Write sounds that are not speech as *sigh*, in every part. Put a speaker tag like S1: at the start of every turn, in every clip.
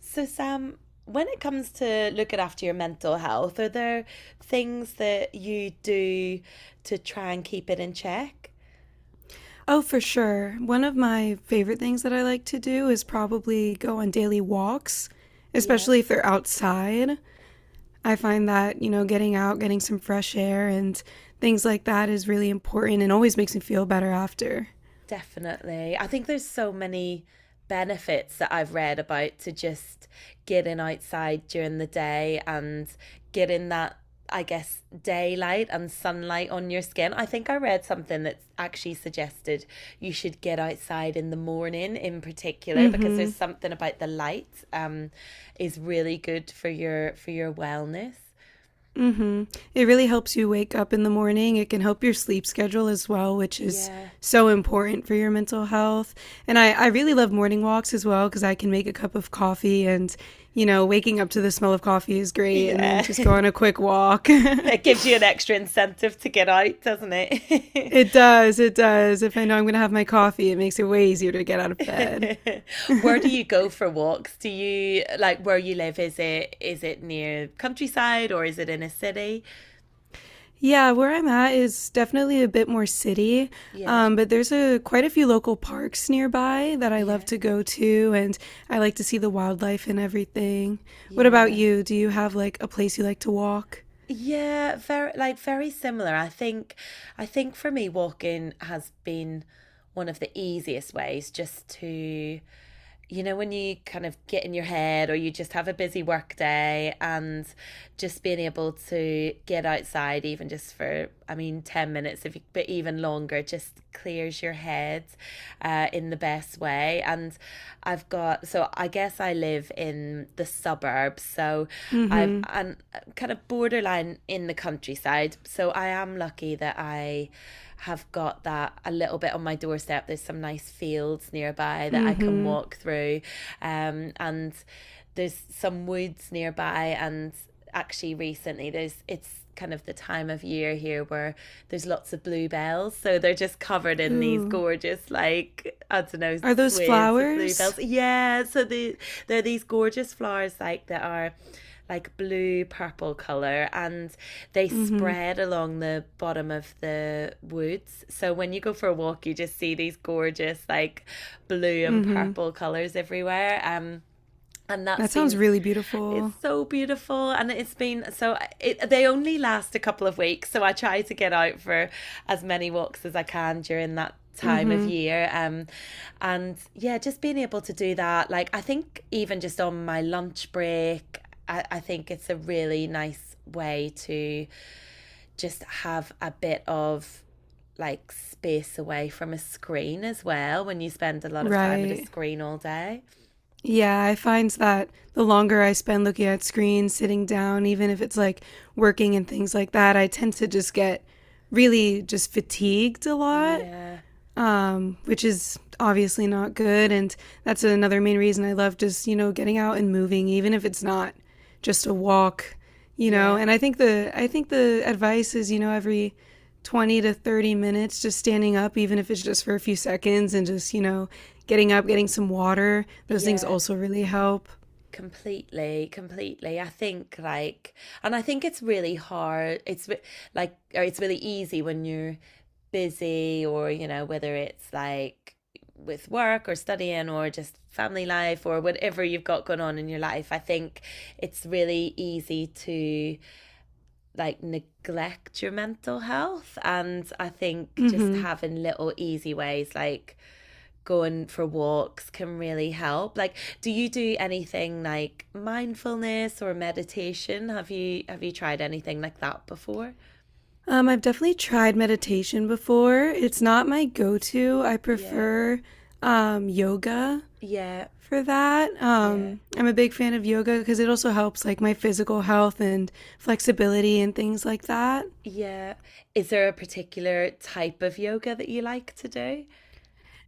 S1: So, Sam, when it comes to looking after your mental health, are there things that you do to try and keep it in check?
S2: Oh, for sure. One of my favorite things that I like to do is probably go on daily walks,
S1: Yeah.
S2: especially if they're outside. I find that, getting out, getting some fresh air and things like that is really important and always makes me feel better after.
S1: Definitely. I think there's so many benefits that I've read about to just getting outside during the day and getting that, I guess, daylight and sunlight on your skin. I think I read something that actually suggested you should get outside in the morning in particular because there's
S2: Mhm.
S1: something about the light is really good for your wellness.
S2: Mm-hmm. It really helps you wake up in the morning. It can help your sleep schedule as well, which is
S1: Yeah.
S2: so important for your mental health. And I really love morning walks as well because I can make a cup of coffee and, waking up to the smell of coffee is great and then
S1: Yeah.
S2: just go
S1: *laughs*
S2: on a quick walk.
S1: It gives you an
S2: *laughs*
S1: extra incentive to get out, doesn't it? *laughs*
S2: It does, it does. If I know I'm going to have my coffee, it makes it way easier to get out of bed.
S1: *laughs* Where do you
S2: *laughs*
S1: go for walks? Do you like where you live? Is it near countryside or is it in a city?
S2: Yeah, where I'm at is definitely a bit more city,
S1: Yeah,
S2: but there's a quite a few local parks nearby that I love
S1: yeah,
S2: to go to, and I like to see the wildlife and everything. What about
S1: yeah.
S2: you? Do you have like a place you like to walk?
S1: Yeah, very very similar. I think for me walking has been one of the easiest ways just to, you know, when you kind of get in your head or you just have a busy work day and just being able to get outside, even just for, I mean, 10 minutes, if you, but even longer, just clears your head in the best way. And I've got, so I guess I live in the suburbs. So I've,
S2: Mm-hmm.
S1: I'm kind of borderline in the countryside. So I am lucky that I have got that a little bit on my doorstep. There's some nice fields nearby that I can
S2: Mm-hmm.
S1: walk through, and there's some woods nearby. And actually, recently, there's it's kind of the time of year here where there's lots of bluebells. So they're just covered in these
S2: Ooh.
S1: gorgeous, like, I don't know,
S2: Are those
S1: swathes of
S2: flowers?
S1: bluebells. Yeah, so there are these gorgeous flowers like that are like blue purple color, and they
S2: Mm-hmm.
S1: spread along the bottom of the woods, so when you go for a walk you just see these gorgeous like blue and
S2: Mm-hmm.
S1: purple colors everywhere, and that's
S2: That sounds
S1: been—
S2: really
S1: it's
S2: beautiful.
S1: so beautiful, and it's been so. They only last a couple of weeks, so I try to get out for as many walks as I can during that time of
S2: Mm-hmm.
S1: year. And yeah, just being able to do that, like I think even just on my lunch break, I think it's a really nice way to just have a bit of like space away from a screen as well when you spend a lot of time at a
S2: Right.
S1: screen all day.
S2: Yeah, I find that the longer I spend looking at screens, sitting down, even if it's like working and things like that, I tend to just get really just fatigued a lot,
S1: Yeah,
S2: which is obviously not good. And that's another main reason I love just, getting out and moving, even if it's not just a walk.
S1: yeah,
S2: And I think the advice is, every 20 to 30 minutes just standing up even if it's just for a few seconds and just, getting up, getting some water. Those things
S1: yeah.
S2: also really help.
S1: Completely, completely. I think, like, and I think it's really hard. It's like, or it's really easy when you're busy, or, you know, whether it's like with work or studying or just family life or whatever you've got going on in your life. I think it's really easy to like neglect your mental health, and I think just
S2: Mhm.
S1: having little easy ways like going for walks can really help. Like, do you do anything like mindfulness or meditation? Have you tried anything like that before?
S2: I've definitely tried meditation before. It's not my go to. I
S1: Yeah.
S2: prefer yoga
S1: Yeah.
S2: for that,
S1: Yeah.
S2: I'm a big fan of yoga because it also helps like my physical health and flexibility and things like that.
S1: Yeah. Is there a particular type of yoga that you like to do?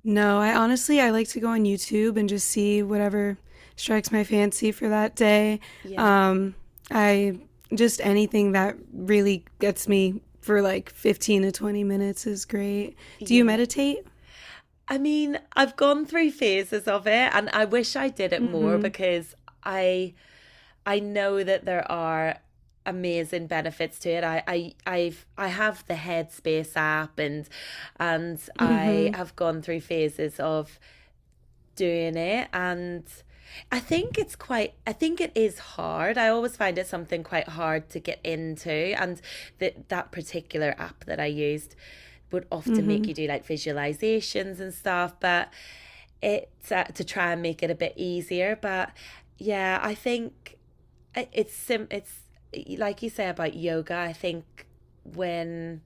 S2: No, I honestly I like to go on YouTube and just see whatever strikes my fancy for that day.
S1: Yeah.
S2: Um, I Just anything that really gets me for like 15 to 20 minutes is great. Do you
S1: Yeah.
S2: meditate?
S1: I mean, I've gone through phases of it and I wish I did it more
S2: Mm-hmm.
S1: because I I know that there are amazing benefits to it. I have the Headspace app, and I
S2: Mm-hmm.
S1: have gone through phases of doing it. And I think it's quite— I think it is hard. I always find it something quite hard to get into. And that particular app that I used would often make
S2: Mm-hmm.
S1: you do like visualizations and stuff, but it's to try and make it a bit easier. But yeah, I think it's like you say about yoga. I think when,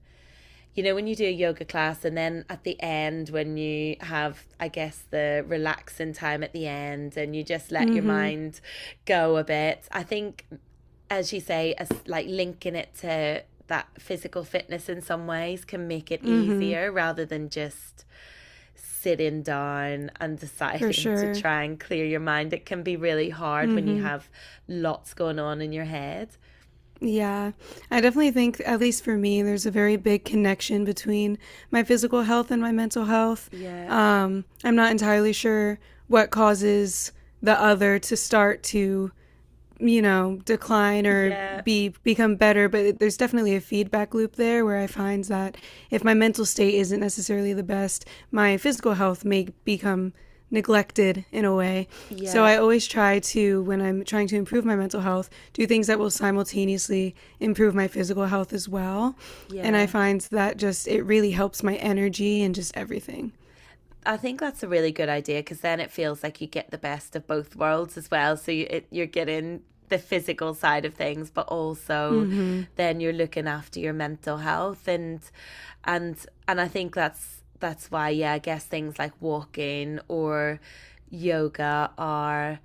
S1: you know, when you do a yoga class and then at the end when you have, I guess, the relaxing time at the end, and you just let your
S2: Mm-hmm.
S1: mind go a bit, I think, as you say, as like linking it to that physical fitness in some ways can make it
S2: Mm-hmm.
S1: easier rather than just sitting down and
S2: For
S1: deciding *laughs* to
S2: sure.
S1: try and clear your mind. It can be really hard when you
S2: Mm-hmm.
S1: have lots going on in your head.
S2: Yeah, I definitely think, at least for me, there's a very big connection between my physical health and my mental health.
S1: Yeah,
S2: I'm not entirely sure what causes the other to start to decline or
S1: yeah,
S2: be become better, but there's definitely a feedback loop there where I find that if my mental state isn't necessarily the best, my physical health may become neglected in a way. So
S1: yeah,
S2: I always try to when I'm trying to improve my mental health, do things that will simultaneously improve my physical health as well. And I
S1: yeah.
S2: find that just it really helps my energy and just everything.
S1: I think that's a really good idea because then it feels like you get the best of both worlds as well. You're getting the physical side of things, but also
S2: Mhm.
S1: then you're looking after your mental health. And and and I think that's why, yeah, I guess things like walking or yoga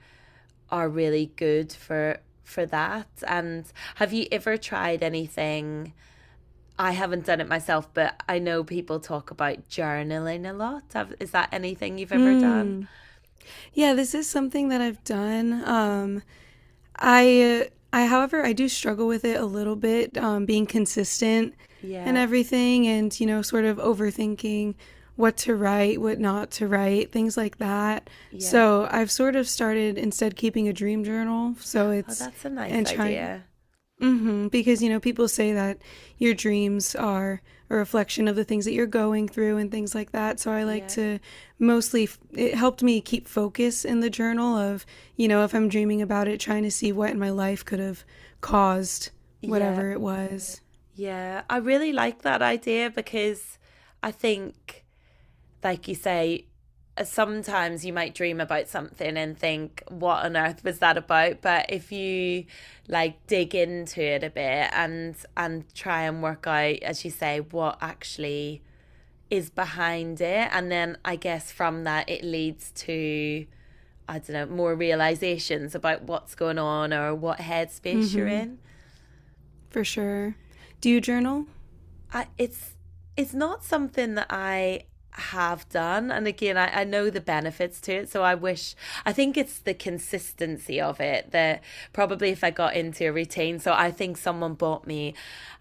S1: are really good for that. And have you ever tried anything? I haven't done it myself, but I know people talk about journaling a lot. Is that anything you've ever done?
S2: Mm. Yeah, this is something that I've done. I However, I do struggle with it a little bit, being consistent and
S1: Yeah,
S2: everything, and sort of overthinking what to write, what not to write, things like that.
S1: yeah.
S2: So I've sort of started instead keeping a dream journal. So
S1: Oh,
S2: it's
S1: that's a
S2: and
S1: nice
S2: trying.
S1: idea.
S2: Hmm. Because people say that your dreams are a reflection of the things that you're going through and things like that. So I like
S1: Yeah,
S2: to mostly, it helped me keep focus in the journal of, if I'm dreaming about it, trying to see what in my life could have caused
S1: yeah,
S2: whatever it was.
S1: yeah. I really like that idea because I think, like you say, sometimes you might dream about something and think, what on earth was that about? But if you like dig into it a bit and try and work out, as you say, what actually is behind it, and then I guess from that it leads to, I don't know, more realizations about what's going on or what headspace you're
S2: Hmm.
S1: in.
S2: For sure. Do you journal?
S1: I It's not something that I have done. And again, I know the benefits to it. So I wish— I think it's the consistency of it that probably— if I got into a routine. So I think someone bought me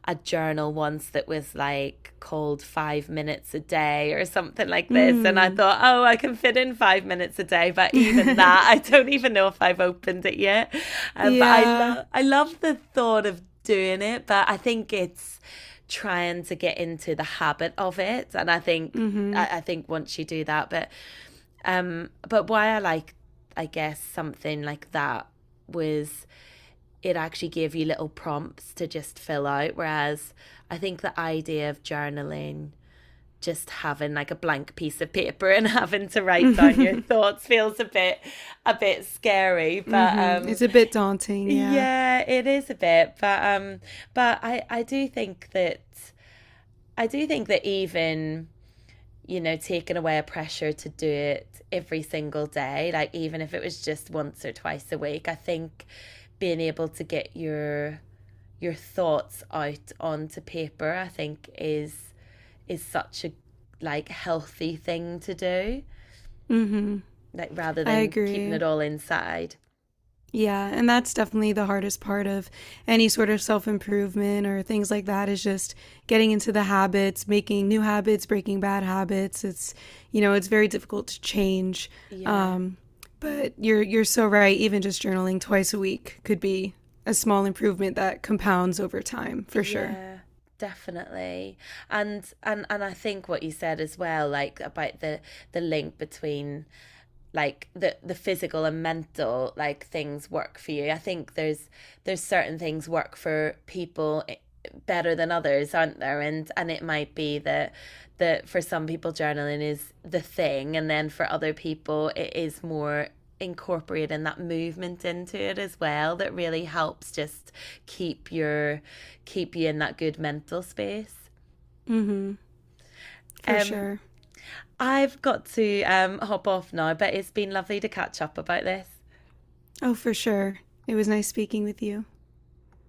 S1: a journal once that was like called 5 minutes a day or something like this. And I
S2: Mm.
S1: thought, oh, I can fit in 5 minutes a day. But even
S2: *laughs*
S1: that, *laughs* I don't even know if I've opened it yet. But
S2: Yeah.
S1: I love the thought of doing it. But I think it's trying to get into the habit of it. And I think
S2: Hmm. Hmm.
S1: I think once you do that. But but why I like, I guess, something like that was it actually gave you little prompts to just fill out. Whereas I think the idea of journaling, just having like a blank piece of paper *laughs* and having to write down your thoughts feels a bit— a bit scary. But
S2: Hmm. *laughs*
S1: um
S2: It's a bit daunting. Yeah.
S1: yeah, it is a bit. But but I do think that— I do think that even, you know, taking away a pressure to do it every single day, like even if it was just once or twice a week, I think being able to get your thoughts out onto paper, I think is such a like healthy thing to do,
S2: Hmm.
S1: like rather
S2: I
S1: than keeping
S2: agree.
S1: it all inside.
S2: Yeah, and that's definitely the hardest part of any sort of self improvement or things like that is just getting into the habits, making new habits, breaking bad habits. It's very difficult to change.
S1: Yeah.
S2: Um, but you're so right. Even just journaling twice a week could be a small improvement that compounds over time, for sure.
S1: Yeah, definitely. And I think what you said as well, like about the link between like the physical and mental, like things work for you. I think there's certain things work for people, better than others, aren't there? And it might be that that for some people journaling is the thing, and then for other people it is more incorporating that movement into it as well that really helps just keep your keep you in that good mental space.
S2: Hmm. For
S1: Um
S2: sure.
S1: I've got to hop off now, but it's been lovely to catch up about this.
S2: Oh, for sure. It was nice speaking with you.